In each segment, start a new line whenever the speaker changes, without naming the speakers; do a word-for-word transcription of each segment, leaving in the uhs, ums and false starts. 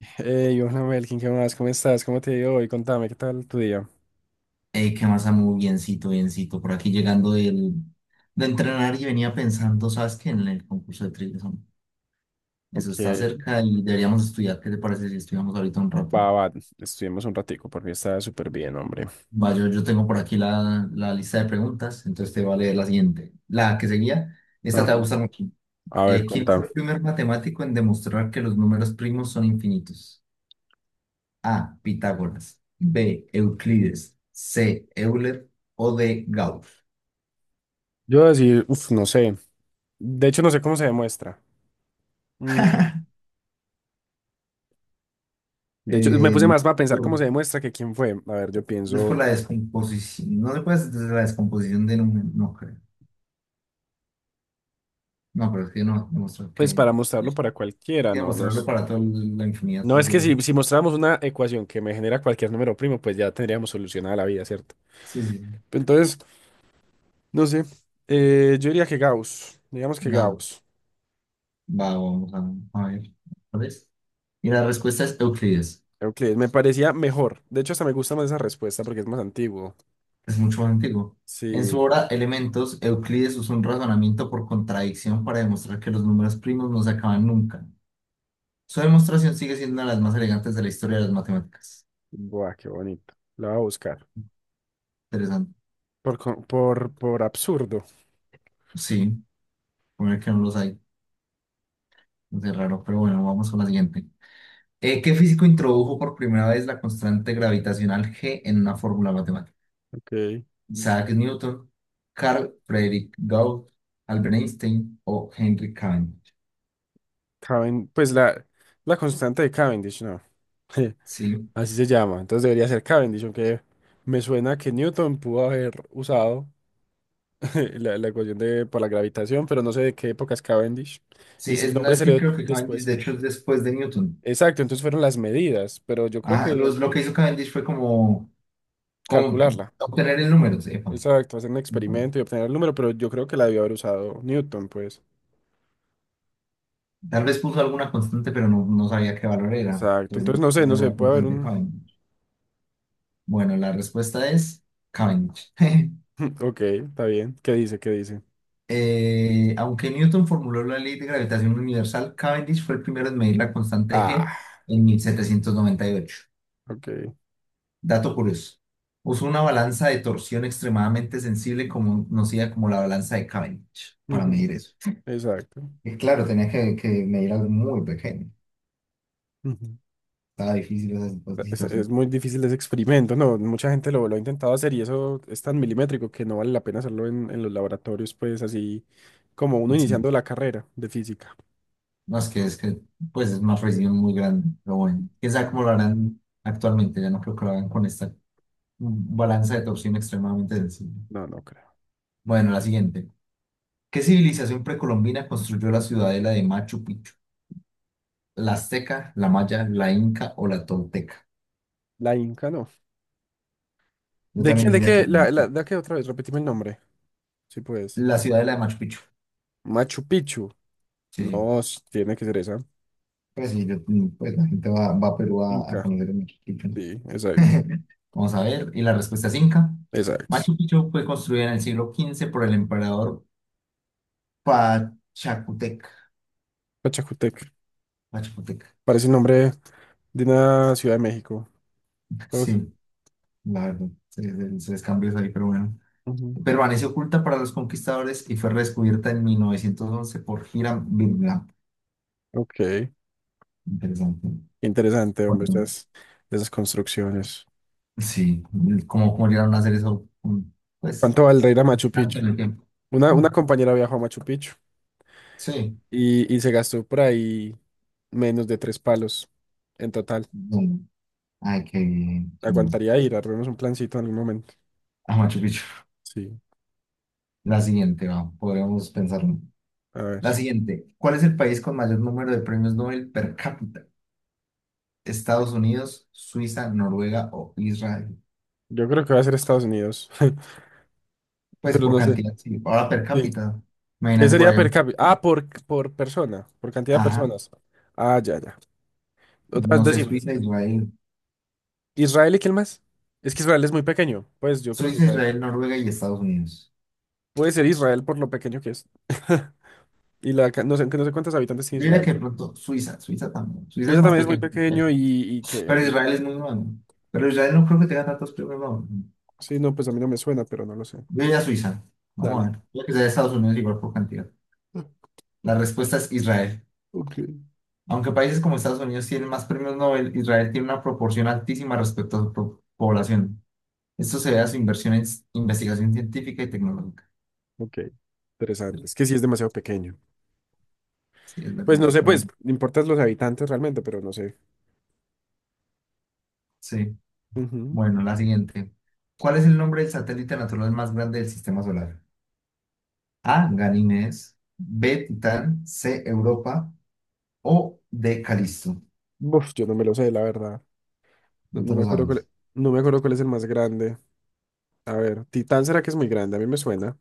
Hey, hola Melkin, ¿qué más? ¿Cómo estás? ¿Cómo te ha ido hoy? Contame, ¿qué tal tu día?
eh ¿Qué más, Samu? Biencito, biencito. Por aquí llegando del, de entrenar y venía pensando, ¿sabes qué? En el concurso de trivias, Samu. Eso
Ok,
está cerca y deberíamos estudiar. ¿Qué te parece si estudiamos ahorita un rato?
va, va, estuvimos un ratico, por mí está súper bien, hombre.
Va, yo, yo tengo por aquí la, la lista de preguntas, entonces te voy a leer la siguiente. La que seguía, esta te va a
Ajá.
gustar mucho.
A ver,
Eh, ¿quién
contame.
fue el primer matemático en demostrar que los números primos son infinitos? A. Pitágoras. B. Euclides. C. Euler. O D. Gauss.
Yo voy a decir, uff, no sé. De hecho, no sé cómo se demuestra. Mm, de hecho, me
Eh,
puse más para pensar cómo se demuestra que quién fue. A ver, yo
No es por
pienso,
la descomposición, no después de la descomposición de número, no creo. No, pero es que no, demostrar que
pues para
hay
mostrarlo para cualquiera,
que
¿no?
demostrarlo
Los...
para toda la infinidad,
No
por
es que
decirlo así.
si, si mostráramos una ecuación que me genera cualquier número primo, pues ya tendríamos solucionada la vida, ¿cierto?
Sí, sí.
Entonces, no sé. Eh, yo diría que Gauss, digamos que
Gabo,
Gauss.
va, vamos a, a ver. ¿Cuál es? Y la respuesta es Euclides.
Euclides, me parecía mejor. De hecho, hasta me gusta más esa respuesta porque es más antiguo.
Es mucho más antiguo. En su
Sí.
obra Elementos, Euclides usó un razonamiento por contradicción para demostrar que los números primos no se acaban nunca. Su demostración sigue siendo una de las más elegantes de la historia de las matemáticas.
Buah, qué bonito. La voy a buscar.
Interesante.
Por, co- por, por absurdo.
Sí, poner que no los hay. Es raro, pero bueno, vamos con la siguiente. Eh, ¿qué físico introdujo por primera vez la constante gravitacional G en una fórmula matemática?
Ok.
Isaac Newton, Carl Friedrich Gauss, Albert Einstein o Henry Cavendish.
Caven- pues la, la constante de Cavendish, no.
Sí,
Así se llama. Entonces debería ser Cavendish, aunque me suena que Newton pudo haber usado la, la ecuación de, por la gravitación, pero no sé de qué época es Cavendish.
sí,
Y si el
es, no,
nombre
es
se le
que
dio
creo que Cavendish
después.
de hecho es después de Newton.
Exacto, entonces fueron las medidas, pero yo creo
Ah,
que
los, lo que hizo Cavendish fue como, como
calcularla.
obtener el número, sepa.
Exacto, hacer un experimento y obtener el número, pero yo creo que la debió haber usado Newton, pues.
Tal vez puso alguna constante, pero no, no sabía qué valor era.
Exacto, entonces
Entonces,
no sé,
no
no
era
sé,
la
puede haber
constante de
un...
Cavendish. Bueno, la respuesta es Cavendish.
Ok, está bien. ¿Qué dice? ¿Qué dice?
Eh, aunque Newton formuló la ley de gravitación universal, Cavendish fue el primero en medir la constante G
Ah,
en mil setecientos noventa y ocho.
ok.
Dato curioso. Usó una balanza de torsión extremadamente sensible como- conocida como la balanza de Cavendish para
Ujú,
medir eso.
exacto.
Y claro, tenía que, que medir algo muy pequeño.
Ujú.
Estaba difícil esa situ-
Es, es
situación.
muy difícil ese experimento, ¿no? Mucha gente lo, lo ha intentado hacer y eso es tan milimétrico que no vale la pena hacerlo en, en los laboratorios, pues así como uno
Sí.
iniciando la carrera de física.
No, es que es que pues es una precisión muy grande, pero bueno. Quién sabe
Ajá.
cómo lo harán actualmente. Ya no creo que lo hagan con esta mm, balanza de torsión extremadamente sensible.
No, no creo.
Bueno, la siguiente. ¿Qué civilización precolombina construyó la ciudadela de Machu Picchu? ¿La azteca, la maya, la inca o la tolteca?
La Inca no.
Yo
¿De
también
quién? ¿De
diría que
qué?
no.
La, la, ¿de qué otra vez? Repetime el nombre. Sí, pues.
La ciudadela de Machu Picchu.
Machu Picchu.
Sí, sí.
No, s- tiene que ser esa.
Pues sí, yo- mm, pues la gente va, va a Perú a, a
Inca.
conocer el Machu Picchu, ¿no?
Sí, exacto.
Vamos a ver. Y la respuesta es inca.
Exacto.
Machu Picchu fue construida en el siglo quince por el emperador Pachacutec.
Pachacutec.
Pachacutec.
Parece el nombre de una ciudad de México. Todo.
Sí, la verdad, se, se- se les cambió eso ahí, pero bueno.
Ujú.
Permaneció oculta para los conquistadores y fue redescubierta en mil novecientos once por Hiram Bingham.
Ok.
Interesante.
Interesante, hombre,
Bueno,
estas, esas construcciones.
sí, cómo cómo llegaron a hacer eso, mm, pues,
¿Cuánto valdrá ir a Machu
tanto
Picchu?
en el tiempo.
Una, una
Oh,
compañera viajó a Machu Picchu
sí.
y, y se gastó por ahí menos de tres palos en total.
Bueno, ay, qué bien, chimba.
Aguantaría ir, armemos un plancito en algún momento.
A Machu Picchu.
Sí,
La siguiente, va, podríamos pensarlo.
a ver.
La siguiente. ¿Cuál es el país con mayor número de premios Nobel per cápita? ¿Estados Unidos, Suiza, Noruega o Israel?
Yo creo que va a ser Estados Unidos,
Pues
pero
por
no sé.
cantidad, sí. Ahora per
Sí.
cápita.
¿Qué
Imagínate por
sería
ahí.
per cápita? Ah, por, por persona, por cantidad de
Ajá,
personas. Ah, ya, ya. Otra vez
no sé,
decime,
Suiza,
decime.
Israel.
¿Israel y quién más? Es que Israel es muy pequeño. Pues yo creo que
Suiza,
Israel.
Israel, Noruega y Estados Unidos.
Puede ser Israel por lo pequeño que es. Y la, ca- no sé, no sé cuántos habitantes tiene
Yo diría
Israel,
que de
pues.
pronto Suiza, Suiza también. Suiza es
Suiza
más
también es muy
pequeño,
pequeño y, y que...
pero
y-
Israel es muy bueno. Pero Israel no creo que tenga tantos premios Nobel.
sí, no, pues a mí no me suena, pero no lo sé.
Yo diría Suiza. Vamos a
Dale.
ver. Yo que sea de Estados Unidos igual por cantidad. La respuesta es Israel.
Ok.
Aunque países como Estados Unidos tienen más premios Nobel, Israel tiene una proporción altísima respecto a su po- población. Esto se ve a su inversión en s- investigación científica y tecnológica.
Ok. Interesante. Es que sí es demasiado pequeño.
Sí, es
Pues
verdad.
no sé,
Pero
pues,
bueno,
importan los habitantes realmente, pero no sé.
sí.
Ujú.
Bueno, la siguiente. ¿Cuál es el nombre del satélite natural más grande del sistema solar? A. Ganímedes. B. Titán. C. Europa. O D. Calisto.
Uf, yo no me lo sé, la verdad. No,
No te
no
lo
me acuerdo
sabes.
cuál, no me acuerdo cuál es el más grande. A ver, Titán será que es muy grande, a mí me suena,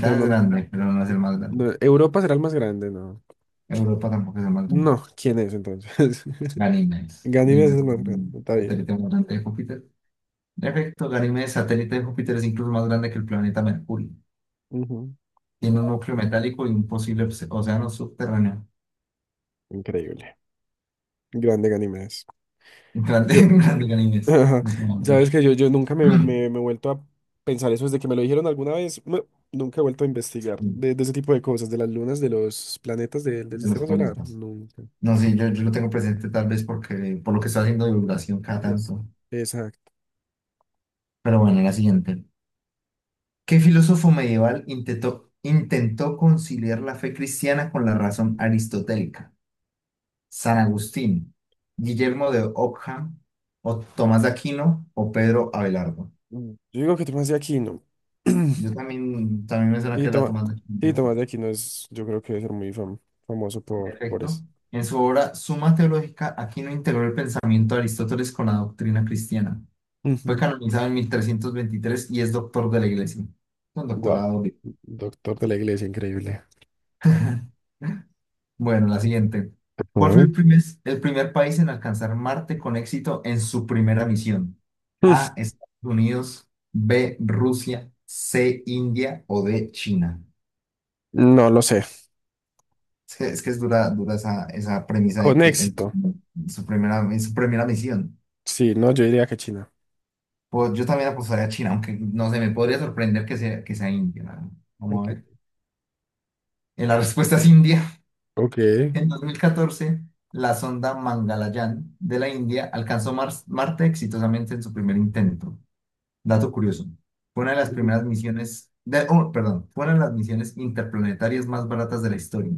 pero
es
no.
grande, pero no es el más grande.
No, Europa será el más grande, no.
Europa tampoco es el más grande.
No, ¿quién es entonces?
Ganímedes.
Ganímedes es
Ganímedes
el
es
más grande,
un
está bien.
satélite más grande de Júpiter. En efecto, Ganímedes, satélite de Júpiter, es incluso más grande que el planeta Mercurio.
Ujú.
Tiene un núcleo metálico y un posible obs- océano subterráneo.
Increíble. Grande Ganímedes.
Grande,
Yo,
grande Ganímedes.
ajá,
No, no, de
sabes
hecho.
que yo, yo nunca me, me, me he vuelto a pensar eso desde que me lo dijeron alguna vez. No, nunca he vuelto a investigar de, de ese tipo de cosas, de las lunas, de los planetas de- del
De los
sistema solar.
planetas.
Nunca.
No sé, yo, yo lo tengo presente tal vez porque por lo que está haciendo divulgación cada
Es.
tanto.
Exacto.
Pero bueno, la siguiente. ¿Qué filósofo medieval intentó, intentó conciliar la fe cristiana con la razón aristotélica? ¿San Agustín, Guillermo de Ockham, o Tomás de Aquino, o Pedro Abelardo?
Mm, yo digo que Tomás de Aquino.
Yo también, también me suena que
Sí,
era
Tomás,
Tomás de Aquino,
sí, Tomás
¿cierto?
de Aquino es, yo creo que debe ser muy fam- famoso por, por
Perfecto.
eso.
En su obra Suma Teológica, Aquino integró el pensamiento de Aristóteles con la doctrina cristiana. Fue
Ujú.
canonizado en mil trescientos veintitrés y es doctor de la iglesia. Un
Guau.
doctorado. Bien.
Doctor de la iglesia, increíble.
Bueno, la siguiente. ¿Cuál fue
Ujú.
el primer, el primer país en alcanzar Marte con éxito en su primera misión? A, Estados Unidos, B, Rusia, C, India o D, China.
Mm, no lo sé.
Es que es, que es dura, dura esa, esa premisa
Con
de que en,
éxito.
en su primera, en su primera misión.
Sí, no, yo diría que China.
Pues yo también apostaría a China, aunque no sé, me podría sorprender que sea, que sea India. ¿No? Vamos a
Ok.
ver. Eh, La respuesta es India.
Ok.
En dos mil catorce, la sonda Mangalyaan de la India alcanzó Mars- Marte exitosamente en su primer intento. Dato curioso. Fue una de las
Ujú.
primeras misiones, de, oh, perdón, fue una de las misiones interplanetarias más baratas de la historia,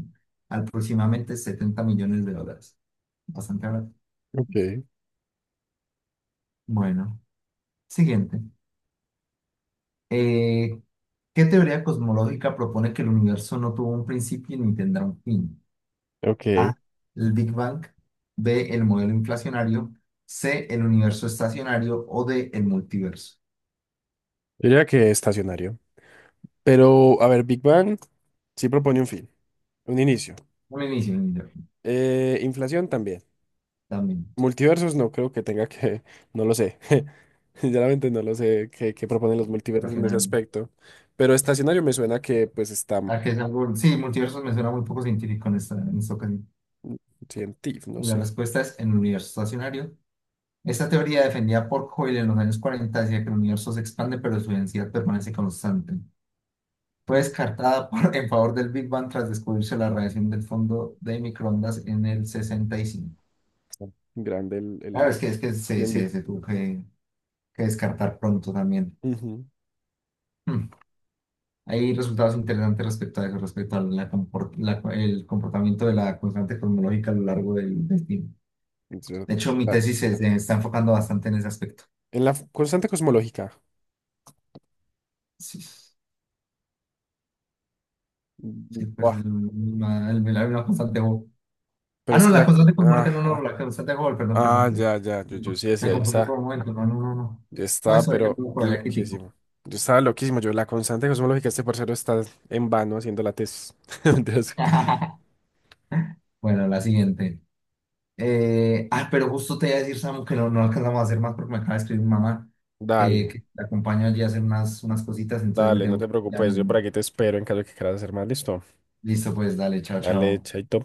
aproximadamente setenta millones de dólares. Bastante barato.
Ok.
Bueno, siguiente. Eh, ¿qué teoría cosmológica propone que el universo no tuvo un principio ni tendrá un fin?
Ok.
A, el Big Bang, B, el modelo inflacionario, C, el universo estacionario o D, el multiverso.
Yo diría que estacionario. Pero, a ver, Big Bang sí propone un fin, un inicio.
Un inicio, un inicio,
Eh, inflación también.
también,
Multiversos no creo que tenga que, no lo sé. Sinceramente no lo sé qué, qué proponen los multiversos en ese
racional.
aspecto. Pero estacionario me suena que pues está
Ah, que es algo, sí, multiverso me suena muy poco científico en esta, en esta ocasión.
científico, no
Y la
sé.
respuesta es el universo estacionario. Esta teoría defendida por Hoyle en los años cuarenta, decía que el universo se expande pero su densidad permanece constante. Fue
Mm.
descartada por- en favor del Big Bang tras descubrirse la radiación del fondo de microondas en el sesenta y cinco.
Está grande el,
Claro,
el
es que, es que se,
T N B.
se, se tuvo que que descartar pronto también.
Ujú,
Hmm. Hay resultados interesantes respecto a eso, respecto a la comport- la- el comportamiento de la constante cosmológica a lo largo del, del tiempo.
es
De
verdad.
hecho, mi
La-
tesis se, se está enfocando bastante en ese aspecto.
en la constante cosmológica.
Sí,
Mm,
sí, pues
buah,
el, una, el- la, la constante Hubble.
pero
Ah,
es
no,
que
la
la...
constante
Ah,
cosmológica, no, no,
ah,
la constante Hubble, perdón, perdón,
ah,
perdón.
ya, ya. Yo, yo sí
Me
decía, yo
confundí
estaba,
por un momento, no, no, no, no.
yo
No,
estaba,
eso es
pero
ejemplo por el crítico.
loquísimo. Yo estaba loquísimo. Yo, la constante cosmológica, este parcero está en vano haciendo la tesis. Mentiras.
Bueno, la siguiente. Eh, ah, pero justo te iba a decir, Samu, que no, no alcanzamos a hacer más porque me acaba de escribir mi mamá que,
Dale.
que la acompaño allí a hacer unas, unas cositas, entonces me
Dale, no
tengo
te
que ir ya
preocupes, yo por
mismo.
aquí te espero en caso de que quieras hacer más, listo.
Listo, pues dale, chao,
Dale,
chao.
chaito.